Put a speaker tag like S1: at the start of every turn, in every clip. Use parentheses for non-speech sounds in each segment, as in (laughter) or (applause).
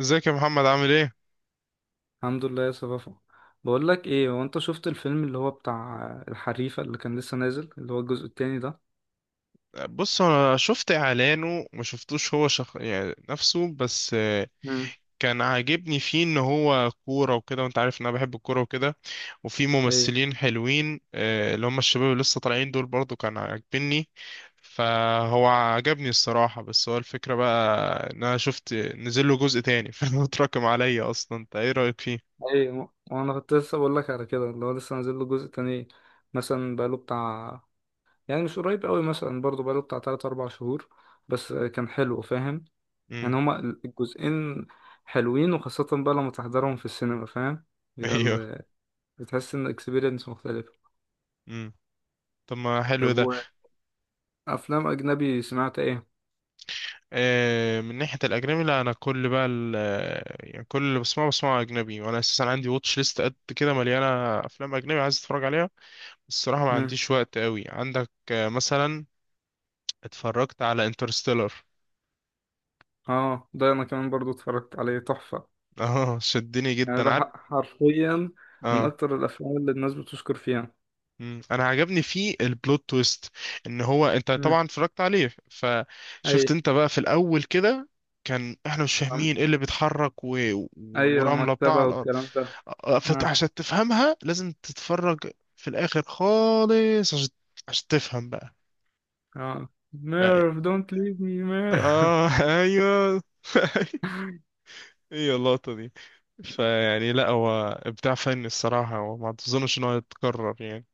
S1: ازيك يا محمد، عامل ايه؟
S2: الحمد لله يا صفافة. بقول لك ايه، هو انت شفت الفيلم اللي هو بتاع الحريفة اللي كان لسه نازل اللي هو الجزء التاني ده؟
S1: بص، انا شفت اعلانه، ما شفتوش. هو يعني نفسه بس.
S2: مم.
S1: كان عاجبني فيه ان هو كورة وكده، وانت عارف ان انا بحب الكورة وكده. وفي
S2: ايه.
S1: ممثلين حلوين، اللي هم الشباب اللي لسه طالعين دول برضو كان عاجبني. فهو عجبني الصراحة. بس هو الفكرة بقى ان انا شفت نزل له جزء تاني، (laughs) فهو اتراكم عليا اصلا. انت ايه رأيك فيه؟
S2: ايه، وانا كنت لسه بقول لك على كده اللي هو لسه نازل له جزء تاني، مثلا بقاله بتاع، يعني مش قريب قوي، مثلا برضه بقاله بتاع 3 4 شهور. بس كان حلو، فاهم؟ يعني
S1: امم.
S2: هما الجزئين حلوين، وخاصة بقى لما تحضرهم في السينما، فاهم؟
S1: (laughs)
S2: بيبقى
S1: ايوه.
S2: ال- بتحس ان اكسبيرينس مختلفة.
S1: امم. طب، ما حلو
S2: طب،
S1: ده.
S2: وافلام اجنبي سمعت؟
S1: من ناحية الأجنبي، لا. أنا كل بقى يعني كل اللي بسمعه بسمعه أجنبي. وأنا أساسا عندي واتش ليست قد كده مليانة أفلام أجنبي عايز أتفرج عليها. الصراحة ما
S2: ايه.
S1: عنديش وقت قوي. عندك مثلا، اتفرجت على انترستيلر. (laughs)
S2: اه، ده انا كمان برضو اتفرجت عليه، تحفة.
S1: اه، شدني
S2: يعني
S1: جدا، عارف.
S2: حرفيا من
S1: اه.
S2: اكتر الافلام اللي الناس بتشكر فيها.
S1: مم. انا عجبني فيه البلوت تويست، ان هو، انت
S2: امم.
S1: طبعا اتفرجت عليه
S2: اي.
S1: فشفت انت بقى في الاول كده، كان احنا مش
S2: عم-
S1: فاهمين ايه اللي بيتحرك
S2: اي،
S1: ورمله بتاع على
S2: المكتبة
S1: الارض.
S2: والكلام ده. اه.
S1: عشان تفهمها لازم تتفرج في الاخر خالص، عشان تفهم بقى.
S2: اه،
S1: بقى-
S2: ميرف دونت ليف مي ميرف.
S1: اه، ايوه. (laughs) ايوه، اللقطه دي. فيعني، لا، هو ابداع فني الصراحه، وما تظنش ان هو يتكرر يعني.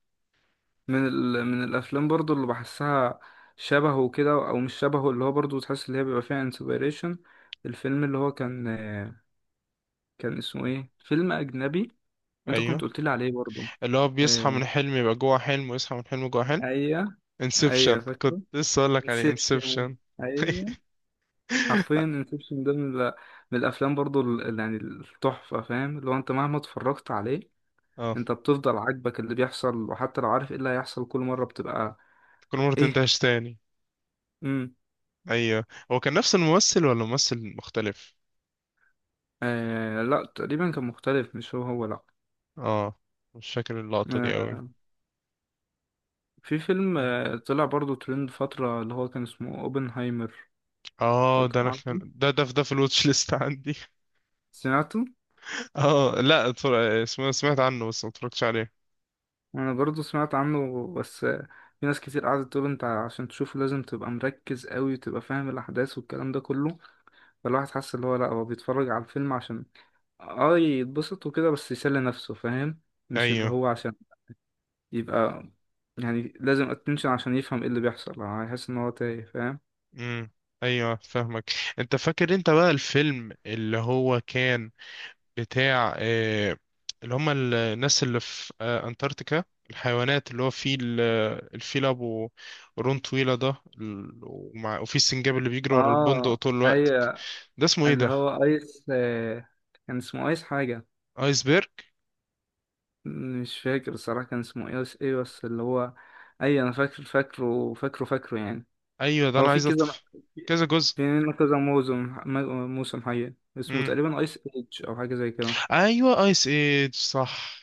S2: من الافلام برضو اللي بحسها شبهه كده، او مش شبهه، اللي هو برضو تحس اللي هي بيبقى فيها انسبيريشن. الفيلم اللي هو كان، كان اسمه ايه؟ فيلم اجنبي انت كنت
S1: ايوه،
S2: قلت لي عليه برضو.
S1: اللي هو بيصحى
S2: آه،
S1: من حلم يبقى جوه حلم، ويصحى من حلم جوه حلم.
S2: ايوه.
S1: انسبشن!
S2: ايوه
S1: كنت
S2: فاكره.
S1: لسه اقول لك عليه
S2: انسبشن.
S1: انسبشن. (laughs)
S2: حرفيا انسبشن، ده من، من الافلام برضو، يعني التحفه، فاهم؟ لو انت مهما اتفرجت عليه،
S1: اه،
S2: انت بتفضل عاجبك اللي بيحصل، وحتى لو عارف ايه اللي هيحصل كل مره بتبقى.
S1: تكون مرة
S2: ايه.
S1: تنتهش تاني.
S2: امم.
S1: ايوه. هو كان نفس الممثل ولا ممثل مختلف؟
S2: آه، لا، تقريبا كان مختلف، مش هو هو. لا.
S1: اه، مش فاكر اللقطة دي قوي.
S2: آه في فيلم طلع برضو ترند فتره، اللي هو كان اسمه اوبنهايمر.
S1: اه، ده انا كان
S2: عارفه،
S1: ده ده في ده الواتش ليست عندي.
S2: سمعته.
S1: (laughs) اه، لا، اسمه سمعت عنه، بس ما اتفرجتش عليه.
S2: انا برضو سمعت عنه، بس في ناس كتير قعدت تقول انت عشان تشوفه لازم تبقى مركز قوي، وتبقى فاهم الاحداث والكلام ده كله. فالواحد حاسس اللي هو لأ، هو بيتفرج على الفيلم عشان اه يتبسط وكده، بس يسلي نفسه، فاهم؟ مش اللي
S1: ايوه.
S2: هو عشان يبقى، يعني لازم اتنشن عشان يفهم ايه اللي بيحصل، يعني هيحس ان هو تايه، فاهم؟
S1: امم. ايوه، فاهمك. انت فاكر انت بقى الفيلم اللي هو كان بتاع، اللي هم الناس اللي في، أنتاركتيكا، الحيوانات اللي هو فيل آه، الفيل أبو قرون طويلة ده، وفي السنجاب اللي بيجري ورا البندق
S2: اه.
S1: طول الوقت.
S2: ايوه.
S1: ده اسمه ايه
S2: اللي
S1: ده؟
S2: هو ايس، كان اسمه ايس حاجة،
S1: ايسبرج!
S2: مش فاكر الصراحة كان اسمه ايس ايه، بس اللي هو اي، انا فاكر، فاكره فاكره فاكره يعني.
S1: ايوه، ده
S2: هو
S1: انا
S2: في
S1: عايز
S2: كذا،
S1: كذا جزء.
S2: في منه كذا موسم، موسم حقيقي اسمه
S1: امم.
S2: تقريبا ايس ايج او حاجة زي كده.
S1: ايوه، ايس ايج، صح.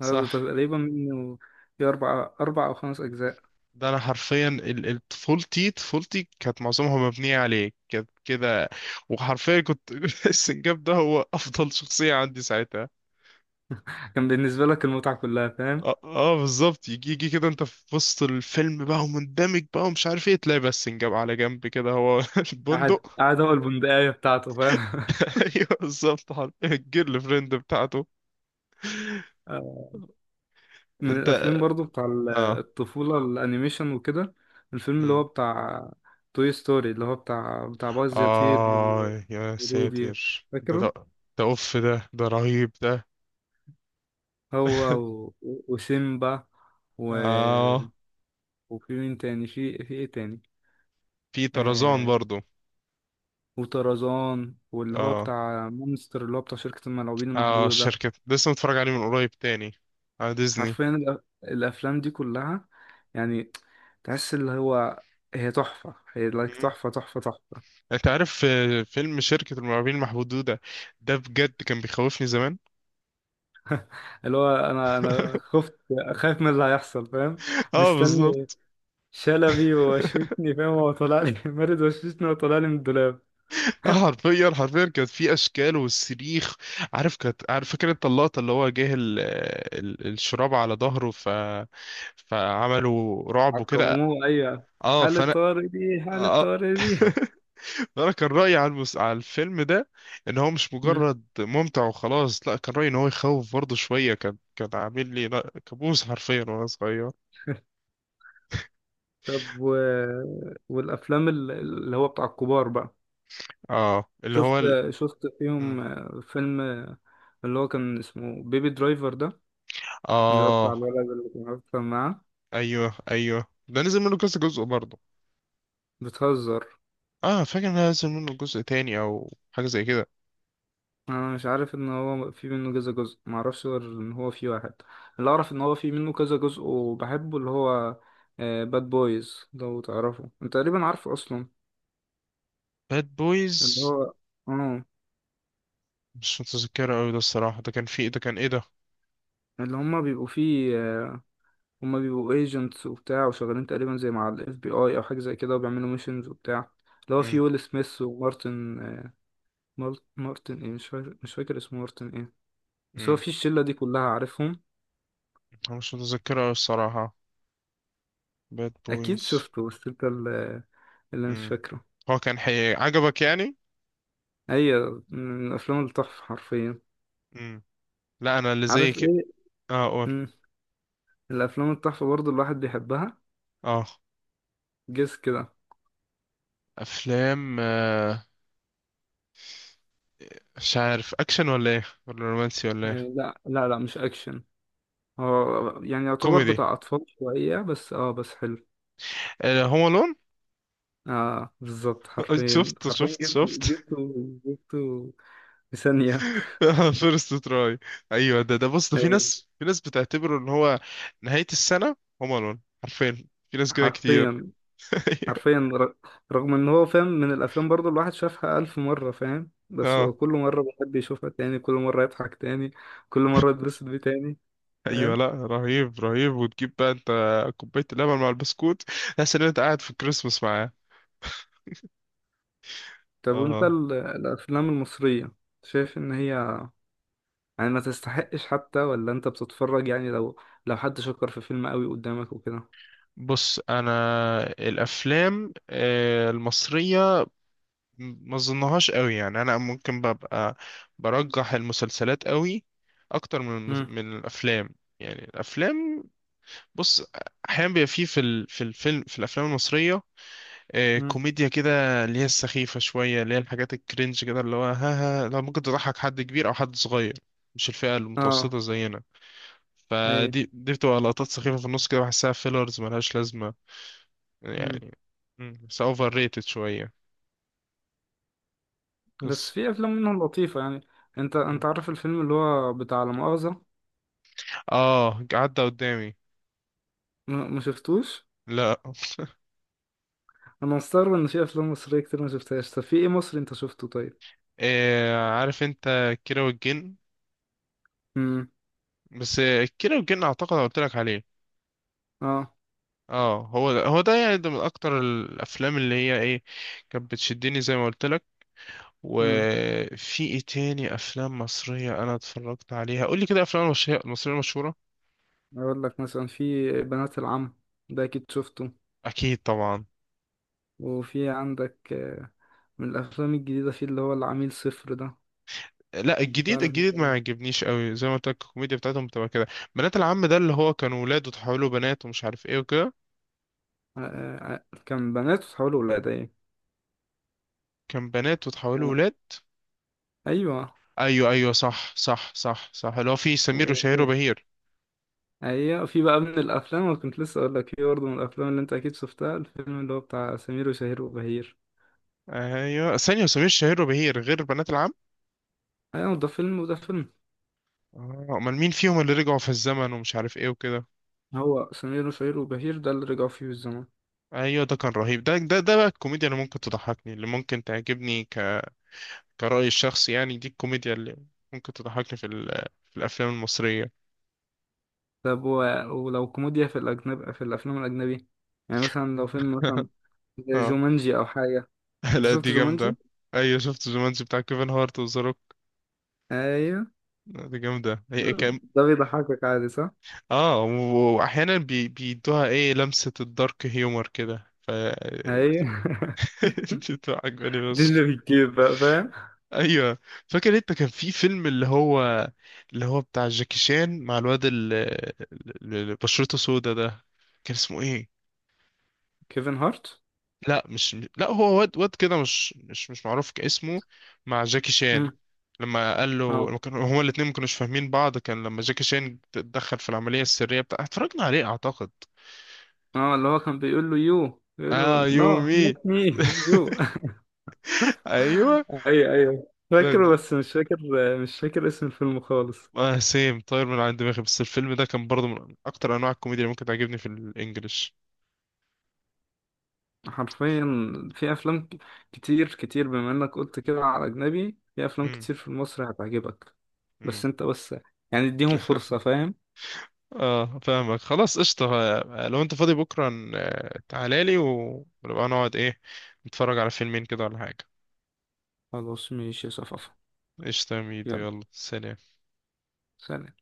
S2: اه، ده
S1: صح.
S2: تقريبا منه في أربع أو خمس أجزاء.
S1: ده انا حرفيا، طفولتي كانت معظمها مبنيه عليه، كانت كده. وحرفيا كنت (laughs) السنجاب ده هو افضل شخصيه عندي ساعتها.
S2: كان بالنسبة لك المتعة كلها، فاهم؟
S1: اه، آه، بالظبط. يجي يجي كده انت في وسط الفيلم بقى ومندمج بقى ومش عارف ايه تلاقي، بس جاب على جنب كده هو (laughs)
S2: قعد
S1: البندق.
S2: قعد هو البندقية بتاعته، فاهم؟ (laughs)
S1: ايوه، بالظبط، حرفيا الجيرل فريند بتاعته.
S2: آه. من
S1: انت.
S2: الأفلام برضو بتاع
S1: اه.
S2: الطفولة، الأنيميشن وكده، الفيلم اللي هو
S1: مم.
S2: بتاع توي ستوري، اللي هو بتاع باز يطير، و-
S1: اه يا
S2: ودودي،
S1: ساتر، ده
S2: فاكره؟
S1: ده ده اوف، ده رهيب ده.
S2: هو،
S1: (laughs)
S2: و... وسيمبا، و...
S1: اه،
S2: وفي مين تاني؟ في إيه تاني؟
S1: في طرزان
S2: آه،
S1: برضو.
S2: وطرزان، واللي هو
S1: اه.
S2: بتاع مونستر اللي هو بتاع شركة الملاعبين
S1: اه،
S2: المحدودة ده.
S1: الشركة لسه متفرج عليه من قريب تاني على ديزني.
S2: حرفيا الافلام دي كلها يعني تحس اللي هو هي تحفه، هي لايك،
S1: مم.
S2: تحفه تحفه تحفه.
S1: انت عارف، فيلم شركة المرعبين المحدودة ده بجد كان بيخوفني زمان.
S2: اللي هو انا خفت، خايف من اللي هيحصل، فاهم؟
S1: اه،
S2: مستني
S1: بالظبط.
S2: شلبي وشوشني،
S1: (laughs)
S2: فاهم؟ هو طلع لي (laughs) مارد وشوشني وطلع لي من الدولاب.
S1: حرفيا حرفيا كانت في اشكال والصريخ، عارف. كانت عارف فاكر انت اللقطه اللي هو جه الشراب على ظهره، ف فعملوا رعب وكده.
S2: عقموه، ايوه.
S1: اه
S2: حالة
S1: فانا.
S2: طارق دي، حالة
S1: اه.
S2: طارق دي.
S1: (laughs) انا كان رايي على على الفيلم ده ان هو مش
S2: مم.
S1: مجرد ممتع وخلاص، لا. كان رايي ان هو يخوف برضه شويه. كان عامل لي، لا، كابوس حرفيا وانا صغير.
S2: و... والافلام اللي هو بتاع الكبار بقى،
S1: اه، اللي
S2: شفت
S1: هو
S2: شفت فيهم
S1: م.
S2: فيلم اللي هو كان اسمه بيبي درايفر ده، اللي هو بتاع
S1: اه،
S2: الولد اللي كان أكتر معاه،
S1: ايوه، ايوه، ده نزل منه كذا جزء برضه.
S2: بتهزر.
S1: اه، فاكر ان نزل منه جزء تاني او حاجه زي كده.
S2: أنا مش عارف إن هو في منه كذا جزء، معرفش غير إن هو في واحد. اللي أعرف إن هو في منه كذا جزء وبحبه، اللي هو باد بويز، لو تعرفه أنت تقريبا عارفه أصلا.
S1: باد بويز،
S2: اللي هو، اه،
S1: مش متذكره قوي ده الصراحه. ده كان في، ده كان ايه ده؟
S2: اللي هما بيبقوا فيه، هما بيبقوا ايجنتس وبتاع، وشغالين تقريبا زي مع الاف بي اي او حاجه زي كده، وبيعملوا ميشنز وبتاع. اللي هو في
S1: امم.
S2: ويل سميث ومارتن، مارتن ايه؟ مش فاكر، اسمه مارتن ايه، بس هو
S1: امم.
S2: في الشله دي كلها عارفهم.
S1: أنا مش متذكره قوي الصراحه. باد
S2: اكيد
S1: بويز.
S2: شفته، بس انت اللي، اللي مش
S1: امم،
S2: فاكره.
S1: هو كان عجبك يعني؟
S2: ايوه، من افلام التحفه حرفيا.
S1: امم. لا، انا اللي زي
S2: عارف
S1: كده.
S2: ايه؟
S1: اه، قول.
S2: مم. الافلام التحفه برضو الواحد بيحبها،
S1: اه،
S2: جس كده.
S1: افلام، مش عارف، اكشن ولا ايه ولا رومانسي ولا
S2: آه،
S1: ايه؟
S2: لا لا لا، مش اكشن. هو يعني يعتبر
S1: كوميدي؟
S2: بتاع اطفال شويه، بس اه، بس حلو.
S1: هوم الون.
S2: اه، بالظبط،
S1: (laughs)
S2: حرفيا
S1: شفت،
S2: حرفيا،
S1: شفت، شفت!
S2: جبته. جبته في ثانيه.
S1: (laughs) فيرست تراي. ايوه، ده بص، ده
S2: (laughs) آه.
S1: في ناس بتعتبره ان هو نهاية السنة، هوم الون حرفيا، في ناس كده كتير.
S2: حرفيا
S1: (laughs)
S2: حرفيا، رغم ان هو، فاهم، من الافلام برضو الواحد شافها الف مرة، فاهم؟ بس هو
S1: اه،
S2: كل مرة بيحب يشوفها تاني، كل مرة يضحك تاني، كل مرة يتبسط بيه تاني،
S1: ايوه،
S2: فاهم؟
S1: لا، رهيب رهيب. وتجيب بقى انت كوباية اللبن مع البسكوت، تحس ان انت قاعد في الكريسماس معاه.
S2: طب، وانت
S1: اه،
S2: الافلام المصرية، شايف ان هي يعني ما تستحقش حتى، ولا انت بتتفرج يعني لو، لو حد شكر في فيلم قوي قدامك وكده؟
S1: بص انا الافلام، المصرية، ما اظنهاش قوي يعني. انا ممكن ببقى برجح المسلسلات قوي اكتر من
S2: مم.
S1: من الافلام. يعني الافلام، بص، احيانا بيبقى فيه في ال- في الفيلم في الافلام المصريه،
S2: مم.
S1: كوميديا كده اللي هي السخيفه شويه، اللي هي الحاجات الكرنج كده اللي هو ها ها، لو ممكن تضحك حد كبير او حد صغير. مش الفئه
S2: اه.
S1: المتوسطه زينا.
S2: اي.
S1: فدي دي بتبقى لقطات سخيفه في النص كده، بحسها فيلرز ملهاش لازمه
S2: مم.
S1: يعني. بس اوفر ريتد شويه،
S2: بس
S1: بس.
S2: في افلام منهم لطيفة يعني. انت
S1: مم.
S2: انت عارف الفيلم اللي هو بتاع لا مؤاخذة؟
S1: اه، عدى قدامي.
S2: ما شفتوش.
S1: لا. (laughs)
S2: انا مستغرب ان في افلام مصريه كتير ما شفتهاش. طب في ايه مصري انت شفته طيب؟
S1: عارف انت كيرة والجن.
S2: امم.
S1: بس كيرة والجن اعتقد أنا قلت لك عليه.
S2: اه.
S1: اه، هو ده يعني، ده من اكتر الافلام اللي هي ايه، كانت بتشدني زي ما قلت لك.
S2: امم.
S1: وفي ايه تاني افلام مصريه انا اتفرجت عليها؟ قول لي كده، افلام مصريه مصريه مشهوره.
S2: اقول لك، مثلا، في بنات العم، ده اكيد شفته.
S1: اكيد طبعا.
S2: وفي عندك، من الافلام الجديده، في اللي هو العميل صفر ده.
S1: لا،
S2: مش
S1: الجديد
S2: عارف
S1: الجديد ما
S2: بقى.
S1: عجبنيش قوي، زي ما قلت لك الكوميديا بتاعتهم بتبقى كده. بنات العم ده اللي هو كانوا ولاد وتحولوا بنات ومش عارف ايه وكده.
S2: آه، آه، آه، كان بنات وتحولوا ولاد، ايه.
S1: كان بنات وتحولوا ولاد.
S2: ايوه.
S1: ايوه، ايوه، صح، صح، صح، صح. اللي هو في سمير وشهير
S2: وفي،
S1: وبهير.
S2: ايوه، في بقى من الافلام، وكنت لسه اقول لك في برضه من الافلام اللي انت اكيد شفتها، الفيلم اللي هو بتاع سمير وشهير وبهير.
S1: ايوه، ثانيه، سمير وشهير وبهير غير بنات العم؟
S2: ايوه، ده فيلم، وده فيلم.
S1: اه، امال مين فيهم اللي رجعوا في الزمن ومش عارف ايه وكده؟
S2: هو سمير وشهير وبهير ده اللي رجعوا فيه الزمن.
S1: ايوه، ده كان رهيب. ده بقى الكوميديا اللي ممكن تضحكني، اللي ممكن تعجبني كرأيي الشخصي يعني. دي الكوميديا اللي ممكن تضحكني في في الافلام المصرية.
S2: طب، و... ولو كوميديا في الأجنب، في الأفلام الأجنبي، يعني مثلا لو فيلم مثلا
S1: (laughs)
S2: زي
S1: اه.
S2: جومانجي أو حاجة.
S1: (laughs)
S2: أنت
S1: لا،
S2: شفت
S1: دي
S2: جومانجي؟
S1: جامدة. ايوه، شفت جومانجي بتاع كيفن هارت وذا روك.
S2: أيوه.
S1: دي جامدة. هي كام؟
S2: ده بيضحكك عادي صح؟
S1: اه، واحيانا بيدوها ايه لمسة الدارك هيومر كده،
S2: أيوه. (laughs)
S1: (laughs) دي بتبقى عجباني
S2: دي
S1: بس.
S2: اللي بتجيب بقى فاهم؟
S1: ايوه. فاكر انت كان في فيلم، اللي هو بتاع جاكي شان مع الواد اللي بشرته سودا ده، كان اسمه ايه؟
S2: كيفن هارت؟
S1: لا، مش، لا، هو واد واد كده، مش معروف كاسمه. مع جاكي شان،
S2: مم.
S1: لما قال له،
S2: اه.
S1: لما هما الاتنين ما كانوش فاهمين بعض، كان لما جاكي شان اتدخل في العملية السرية بتاع، اتفرجنا عليه اعتقد.
S2: اه، اللي هو كان بيقول له يو، بيقول
S1: اه،
S2: له نو نوت
S1: يومي.
S2: مي.
S1: (laughs)
S2: يو.
S1: ايوه،
S2: (laughs) أيوه أيوه،
S1: ده
S2: فاكره،
S1: ده-
S2: بس مش فاكر، اسم الفيلم خالص.
S1: سيم طاير من عند دماغي، بس الفيلم ده كان برضه من اكتر انواع الكوميديا اللي ممكن تعجبني في الانجليش.
S2: حرفيا، في افلام كتير كتير، بما انك قلت كده على اجنبي، في افلام كتير في مصر هتعجبك. بس
S1: مم.
S2: انت بس، يعني اديهم فرصة،
S1: (laughs)
S2: فاهم؟
S1: اه، فاهمك، خلاص قشطة. لو انت فاضي بكرة تعالى لي ونبقى نقعد ايه، نتفرج على فيلمين كده ولا حاجة.
S2: خلاص ماشي يا صفافة.
S1: قشطة يا ميدو،
S2: يلا،
S1: يلا سلام.
S2: سلام.